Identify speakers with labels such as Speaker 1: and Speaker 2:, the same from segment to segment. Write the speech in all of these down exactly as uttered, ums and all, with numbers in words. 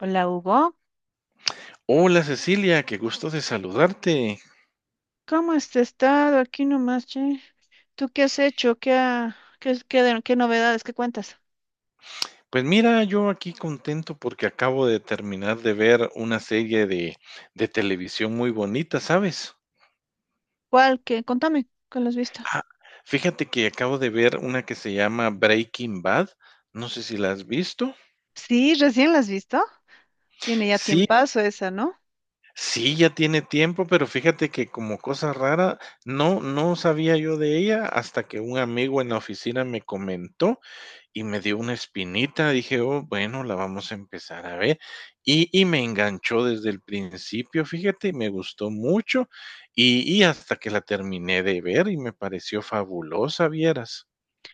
Speaker 1: Hola Hugo,
Speaker 2: Hola Cecilia, qué gusto de saludarte.
Speaker 1: ¿cómo has estado? Aquí nomás, che. ¿Tú qué has hecho? ¿Qué, ha- qué, qué, de- qué novedades? ¿Qué cuentas?
Speaker 2: Pues mira, yo aquí contento porque acabo de terminar de ver una serie de, de televisión muy bonita, ¿sabes?
Speaker 1: ¿Cuál? ¿Qué? Contame, ¿cuál has visto?
Speaker 2: Ah, fíjate que acabo de ver una que se llama Breaking Bad. No sé si la has visto.
Speaker 1: Sí, recién la has visto. Tiene ya
Speaker 2: Sí,
Speaker 1: tiempazo esa, ¿no?
Speaker 2: sí, ya tiene tiempo, pero fíjate que como cosa rara, no, no sabía yo de ella hasta que un amigo en la oficina me comentó y me dio una espinita, dije, oh, bueno, la vamos a empezar a ver. Y, y me enganchó desde el principio, fíjate, y me gustó mucho y, y hasta que la terminé de ver y me pareció fabulosa, vieras.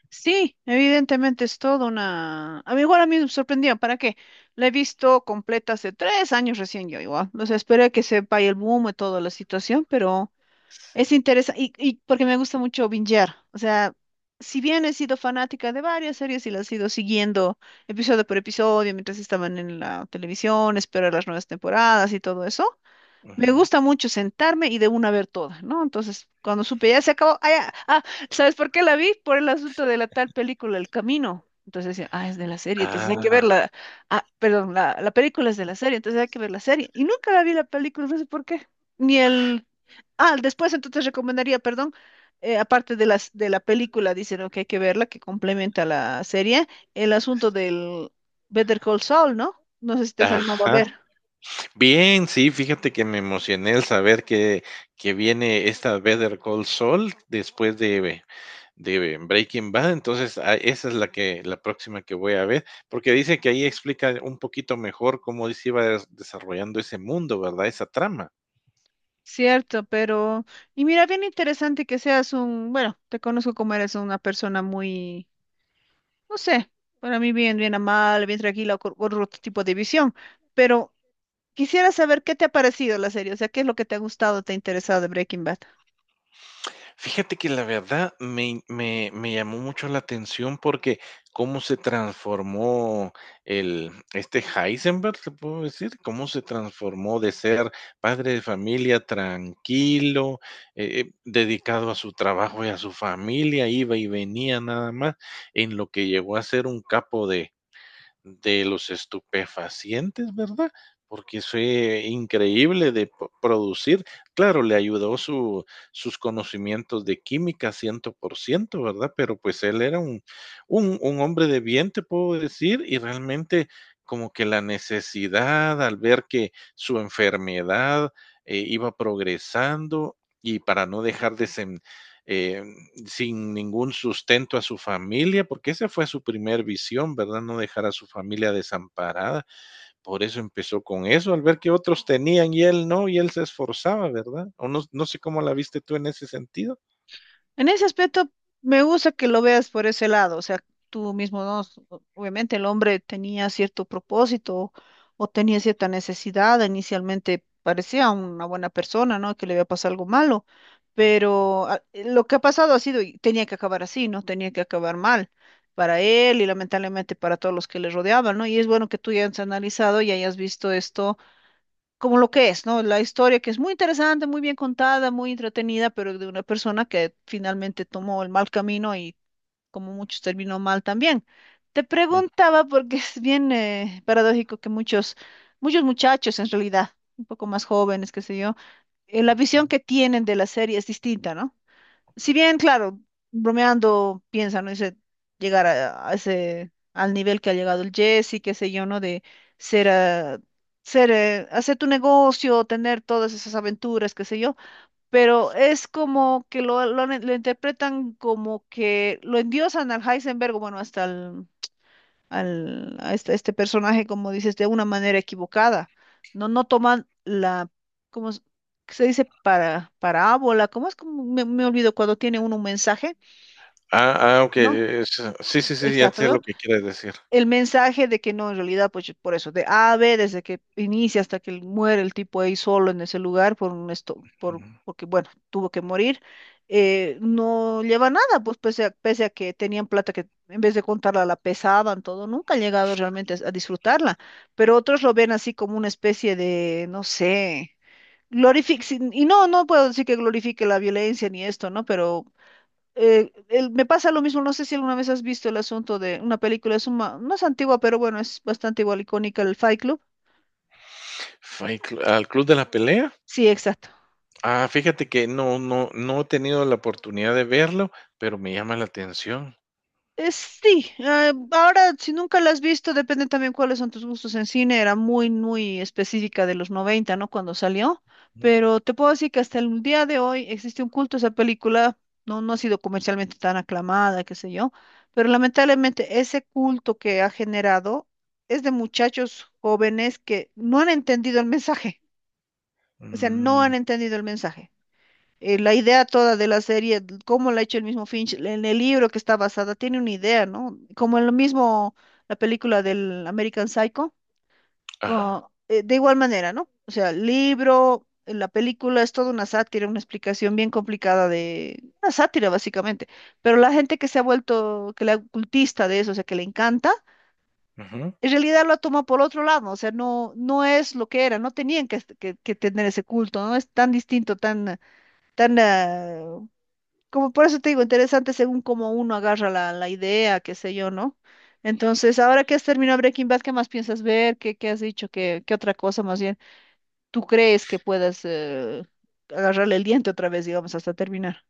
Speaker 1: Sí, evidentemente es toda una... A mí igual a mí me sorprendió, ¿para qué? La he visto completa hace tres años recién yo igual. O sea, esperé que se vaya el boom y toda la situación, pero... Es
Speaker 2: Sí.
Speaker 1: interesante, y, y porque me gusta mucho bingear. O sea, si bien he sido fanática de varias series y las he ido siguiendo episodio por episodio mientras estaban en la televisión, esperar las nuevas temporadas y todo eso, me
Speaker 2: Ujú.
Speaker 1: gusta mucho sentarme y de una ver toda, ¿no? Entonces, cuando supe ya se acabó, ah, ya, ah, ¿sabes por qué la vi? Por el asunto de la tal película El Camino. Entonces decía, ah, es de la serie, entonces hay que
Speaker 2: Ah,
Speaker 1: verla. Ah, perdón, la, la película es de la serie, entonces hay que ver la serie. Y nunca la vi la película, no sé por qué. Ni el... Ah, después entonces recomendaría, perdón, eh, aparte de las, de la película, dicen ¿no? que hay que verla, que complementa la serie, el asunto del Better Call Saul, ¿no? No sé si te has Sí. animado a
Speaker 2: ajá.
Speaker 1: ver.
Speaker 2: Bien, sí, fíjate que me emocioné al saber que, que viene esta Better Call Saul después de, de Breaking Bad, entonces a- esa es la que la próxima que voy a ver, porque dice que ahí explica un poquito mejor cómo se iba des- desarrollando ese mundo, ¿verdad? Esa trama.
Speaker 1: Cierto, pero, y mira, bien interesante que seas un, bueno, te conozco como eres una persona muy, no sé, para mí bien, bien amable, bien tranquila, con con otro tipo de visión, pero quisiera saber qué te ha parecido la serie, o sea, qué es lo que te ha gustado, te ha interesado de Breaking Bad.
Speaker 2: Fíjate que la verdad me me me llamó mucho la atención porque cómo se transformó el este Heisenberg, ¿te puedo decir? Cómo se transformó de ser padre de familia tranquilo, eh eh, dedicado a su trabajo y a su familia, iba y venía nada más, en lo que llegó a ser un capo de de los estupefacientes, ¿verdad? Porque fue increíble de producir. Claro, le ayudó su, sus conocimientos de química cien por ciento, ¿verdad? Pero pues él era un, un, un hombre de bien, te puedo decir, y realmente como que la necesidad al ver que su enfermedad eh, iba progresando y para no dejar de Sem- eh, sin ningún sustento a su familia, porque esa fue su primer visión, ¿verdad? No dejar a su familia desamparada. Por eso empezó con eso, al ver que otros tenían y él no, y él se esforzaba, ¿verdad? O no, no sé cómo la viste tú en ese sentido.
Speaker 1: En ese aspecto, me gusta que lo veas por ese lado, o sea, tú mismo, ¿no? S- o- Obviamente el hombre tenía cierto propósito o tenía cierta necesidad, inicialmente parecía una buena persona, ¿no? Que le había pasado algo malo, pero ah, eh, lo que ha pasado ha sido, y tenía que acabar así, ¿no? Tenía que acabar mal para él y lamentablemente para todos los que le rodeaban, ¿no? Y es bueno que tú ya hayas analizado y hayas visto esto como lo que es, ¿no? La historia que es muy interesante, muy bien contada, muy entretenida, pero de una persona que finalmente tomó el mal camino y como muchos terminó mal también. Te
Speaker 2: Mm.
Speaker 1: preguntaba porque es bien eh, paradójico que muchos, muchos muchachos en realidad, un poco más jóvenes, qué sé yo, eh, la visión que tienen de la serie es distinta, ¿no? Si bien, claro, bromeando, piensa, ¿no? Dice, llegar a, a ese, al nivel que ha llegado el Jesse, qué sé yo, ¿no? De ser, ah, ser, eh, hacer tu negocio, tener todas esas aventuras, qué sé yo, pero es como que lo, lo, han- lo interpretan como que lo endiosan al Heisenberg, bueno, hasta el, al, a este, este personaje, como dices, de una manera equivocada. No, no toman la, ¿cómo es que se dice? Para, parábola, ¿cómo es? Como me, me olvido cuando tiene uno un mensaje,
Speaker 2: Ah, ah, ok.
Speaker 1: ¿no?
Speaker 2: es- Sí, sí, sí, ya
Speaker 1: Exacto,
Speaker 2: sé lo
Speaker 1: ¿no?
Speaker 2: que quieres decir.
Speaker 1: El mensaje de que no, en realidad, pues por eso, de A a B, desde que inicia hasta que muere el tipo ahí solo en ese lugar, por un esto, por, porque bueno, tuvo que morir, eh, no lleva nada, pues pese a, pese a que tenían plata que en vez de contarla la pesaban, todo, nunca han llegado realmente a, a disfrutarla, pero otros lo ven así como una especie de, no sé. Glorific- sin- y no, no puedo decir que glorifique la violencia ni esto, ¿no? Pero eh, el- me pasa lo mismo, no sé si alguna vez has visto el asunto de una película, es una, no es antigua, pero bueno, es bastante igual icónica, el Fight Club.
Speaker 2: Fue cl- ¿Al club de la pelea?
Speaker 1: Sí, exacto.
Speaker 2: Ah, fíjate que no, no, no he tenido la oportunidad de verlo, pero me llama la atención.
Speaker 1: Eh, sí, eh, ahora si nunca la has visto, depende también cuáles son tus gustos en cine, era muy, muy específica de los noventa, ¿no? Cuando salió,
Speaker 2: ¿No?
Speaker 1: pero te puedo decir que hasta el día de hoy existe un culto a esa película, no, no ha sido comercialmente tan aclamada, qué sé yo, pero lamentablemente ese culto que ha generado es de muchachos jóvenes que no han entendido el mensaje, o sea, no
Speaker 2: Mm,
Speaker 1: han entendido el mensaje eh, la idea toda de la serie, d- cómo la ha hecho el mismo Finch, en el libro que está basada, tiene una idea, ¿no? Como en lo mismo la película del American Psycho,
Speaker 2: ajá,
Speaker 1: co- eh, de igual manera, ¿no? O sea, el libro, eh, la película es toda una sátira, una explicación bien complicada de una sátira básicamente, pero la gente que se ha vuelto, que la cultista de eso, o sea, que le encanta.
Speaker 2: ujú.
Speaker 1: En realidad lo toma por otro lado, o sea, no, no es lo que era, no tenían que, que- que tener ese culto, no es tan distinto, tan, tan ah, como por eso te digo, interesante según cómo uno agarra la, la idea, qué sé yo, ¿no? Entonces, ahora que has terminado Breaking Bad, ¿qué más piensas ver? ¿Qué, qué has dicho? ¿Qué, qué otra cosa más bien tú crees que puedas eh, agarrarle el diente otra vez, digamos, hasta terminar?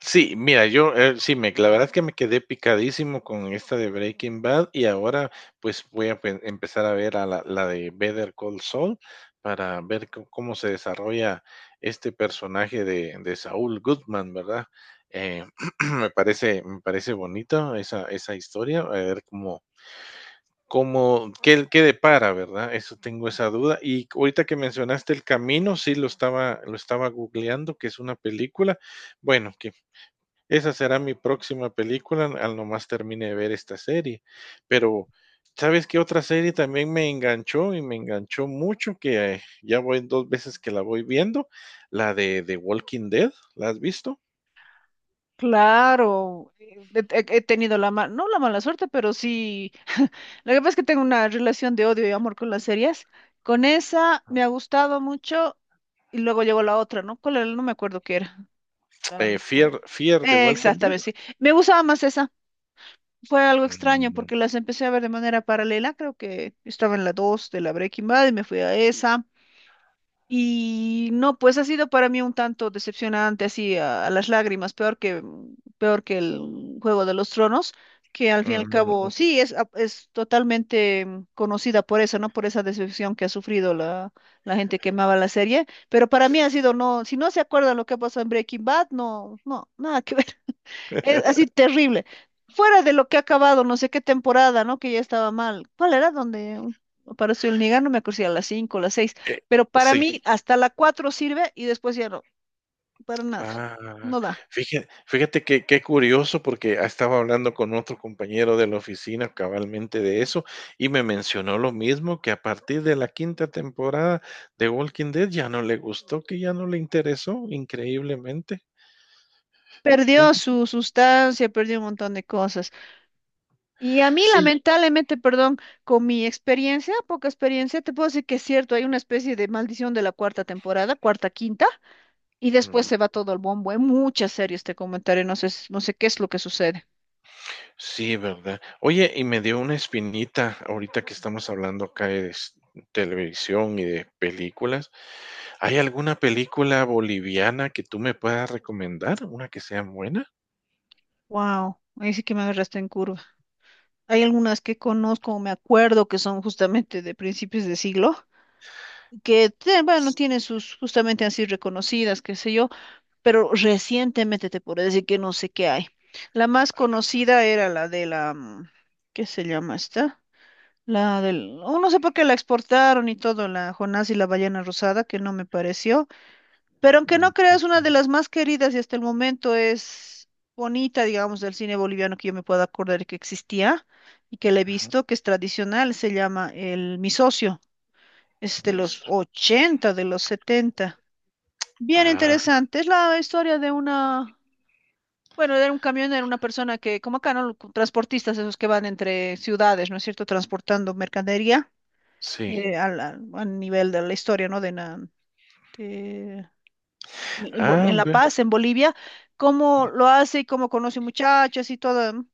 Speaker 2: Sí, mira, yo eh, sí, me, la verdad es que me quedé picadísimo con esta de Breaking Bad y ahora pues voy a pe- empezar a ver a la, la de Better Call Saul para ver co- cómo se desarrolla este personaje de, de Saul Goodman, ¿verdad? Eh, me parece, me parece bonita esa, esa historia, a ver cómo, cómo, qué, qué depara, ¿verdad? Eso tengo esa duda. Y ahorita que mencionaste El Camino, sí lo estaba, lo estaba googleando, que es una película. Bueno, esa será mi próxima película, al nomás termine de ver esta serie. Pero, ¿sabes qué otra serie también me enganchó? Y me enganchó mucho, que eh, ya voy dos veces que la voy viendo, la de The Walking Dead, ¿la has visto?
Speaker 1: Claro, eh, he, he- tenido la mala, no la mala suerte, pero sí, lo que pasa es que tengo una relación de odio y amor con las series. Con esa me ha gustado mucho y luego llegó la otra, ¿no? ¿Cuál era? No me acuerdo qué era. Ah,
Speaker 2: Eh, Fear Fear the Walking Dead.
Speaker 1: exactamente, sí. Me gustaba más esa. Fue algo extraño
Speaker 2: Mm,
Speaker 1: porque las empecé a ver de manera paralela. Creo que estaba en la dos de la Breaking Bad y me fui a esa. Y no, pues ha sido para mí un tanto decepcionante, así a, a las lágrimas, peor que, peor que el Juego de los Tronos, que al fin y al
Speaker 2: mm,
Speaker 1: cabo,
Speaker 2: mm,
Speaker 1: sí, es, a- es totalmente mm, conocida por eso, ¿no? Por esa decepción que ha sufrido la, la gente que amaba la serie. Pero para mí ha sido, no, si no se acuerdan lo que ha pasado en Breaking Bad, no, no, nada que ver. Es así terrible. Fuera de lo que ha acabado, no sé qué temporada, ¿no? Que ya estaba mal. ¿Cuál era? Donde uh, apareció el Niga, no me acuerdo si a las cinco las seis.
Speaker 2: eh,
Speaker 1: Pero para
Speaker 2: sí.
Speaker 1: mí, hasta la cuatro sirve y después ya no, para nada.
Speaker 2: Ah,
Speaker 1: No da.
Speaker 2: fíjate, fíjate que qué curioso, porque estaba hablando con otro compañero de la oficina cabalmente de eso, y me mencionó lo mismo, que a partir de la quinta temporada de Walking Dead ya no le gustó, que ya no le interesó, increíblemente. Sí.
Speaker 1: Perdió su sustancia, perdió un montón de cosas. Y a mí,
Speaker 2: Sí.
Speaker 1: lamentablemente, perdón, con mi experiencia, poca experiencia, te puedo decir que es cierto, hay una especie de maldición de la cuarta temporada, cuarta, quinta, y después
Speaker 2: Mm,
Speaker 1: se va todo al bombo. Hay muchas series te comentaré, no sé, no sé qué es lo que sucede.
Speaker 2: sí, ¿verdad? Oye, y me dio una espinita ahorita que estamos hablando acá de s televisión y de películas. ¿Hay alguna película boliviana que tú me puedas recomendar, una que sea buena?
Speaker 1: Wow, ahí sí que me agarraste en curva. Hay algunas que conozco, me acuerdo que son justamente de principios de siglo, que te- bueno, tienen sus, justamente así reconocidas, qué sé yo, pero recientemente te puedo decir que no sé qué hay. La más conocida era la de la, mm, ¿qué se llama esta? La del, oh, no sé por qué la exportaron y todo, la Jonás y la ballena rosada, que no me pareció. Pero aunque no
Speaker 2: Mm,
Speaker 1: creas, una de
Speaker 2: mm,
Speaker 1: las más queridas y hasta el momento es bonita, digamos, del cine boliviano que yo me puedo acordar que existía y que la he
Speaker 2: ujú,
Speaker 1: visto, que es tradicional, se llama El Mi Socio, es de
Speaker 2: Mis,
Speaker 1: los
Speaker 2: sí,
Speaker 1: ochenta, de los setenta. Bien
Speaker 2: ah,
Speaker 1: interesante, es la historia de una, bueno, era un camionero, una persona que, como acá, ¿no? Transportistas, esos que van entre ciudades, ¿no es cierto?, transportando mercadería
Speaker 2: sí.
Speaker 1: eh, al- al- a, nivel de la historia, ¿no? De, na- de en Bo-
Speaker 2: Ah,
Speaker 1: en La
Speaker 2: ve,
Speaker 1: Paz, en Bolivia, cómo lo hace y cómo conoce muchachas y todo. Mm,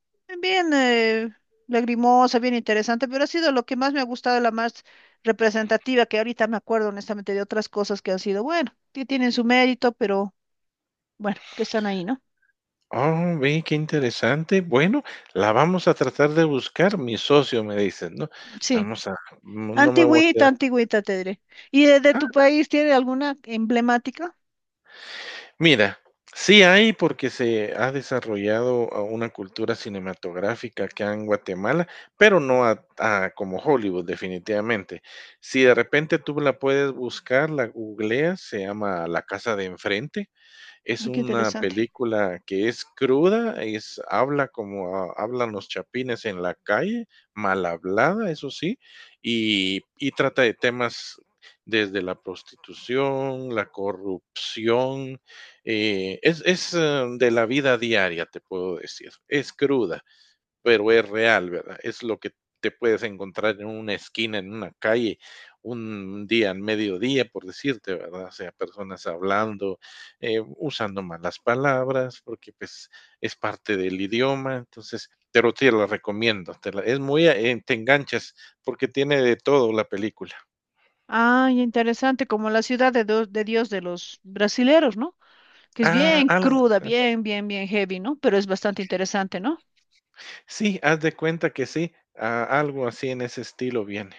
Speaker 1: bien eh, lagrimosa, bien interesante, pero ha sido lo que más me ha gustado, la más representativa, que ahorita me acuerdo honestamente de otras cosas que han sido, bueno, que tienen su mérito, pero bueno, que están ahí, ¿no?
Speaker 2: oh, ve, qué interesante. Bueno, la vamos a tratar de buscar. Mi socio me dice, ¿no?
Speaker 1: Sí,
Speaker 2: Vamos a, no no me voy a
Speaker 1: antigüita,
Speaker 2: quedar.
Speaker 1: antigüita, te diré. ¿Y de, de
Speaker 2: Ah,
Speaker 1: tu país tiene alguna emblemática?
Speaker 2: mira, sí hay porque se ha desarrollado ah, una cultura cinematográfica acá en Guatemala, pero no a- a como Hollywood, definitivamente. Si de repente tú la puedes buscar, la googleas, se llama La Casa de Enfrente. Es
Speaker 1: Ah, qué
Speaker 2: una
Speaker 1: interesante.
Speaker 2: película que es cruda, es habla como ha- hablan los chapines en la calle, mal hablada, eso sí, y, y trata de temas desde la prostitución, la corrupción, eh, es, es eh, de la vida diaria, te puedo decir, es cruda pero es real, ¿verdad? Es lo que te puedes encontrar en una esquina, en una calle, un día, al mediodía, por decirte, ¿verdad? O sea, personas hablando, eh, usando malas palabras, porque pues es parte del idioma, entonces, pero te la recomiendo, te la- es muy, eh, te enganchas, porque tiene de todo la película.
Speaker 1: Ay, interesante, como la ciudad de, do- de Dios de los brasileros, ¿no? Que es
Speaker 2: Ah,
Speaker 1: bien
Speaker 2: al-
Speaker 1: cruda, bien, bien, bien heavy, ¿no? Pero es bastante interesante, ¿no?
Speaker 2: sí, haz de cuenta que sí, ah, algo así en ese estilo viene.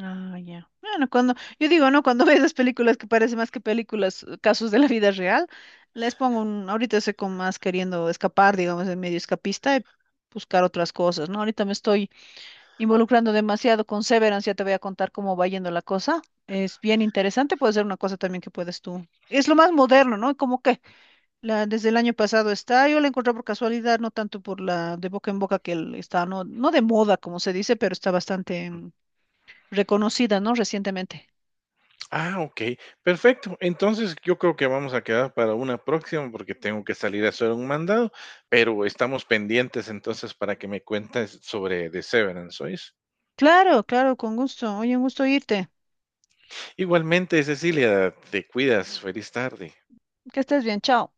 Speaker 1: Ah, ya. Bueno, cuando, yo digo, ¿no? Cuando veo esas películas que parece más que películas, eh, casos de la vida real, les pongo un, ahorita sé como más queriendo escapar, digamos, de medio escapista y buscar otras cosas, ¿no? Ahorita me estoy involucrando demasiado con Severance, ya te voy a contar cómo va yendo la cosa. Es bien interesante, puede ser una cosa también que puedes tú. Es lo más moderno, ¿no? Como que la, desde el año pasado está, yo la encontré por casualidad, no tanto por la de boca en boca que el- está, no, no de moda, como se dice, pero está bastante mm, reconocida, ¿no? Recientemente.
Speaker 2: Ah, okey, perfecto. Entonces, yo creo que vamos a quedar para una próxima, porque tengo que salir a hacer un mandado, pero estamos pendientes entonces para que me cuentes sobre The Severance, ¿oís?
Speaker 1: Claro, claro, con gusto. Oye, un gusto irte.
Speaker 2: Igualmente, Cecilia, te cuidas. Feliz tarde.
Speaker 1: Que estés bien, chao.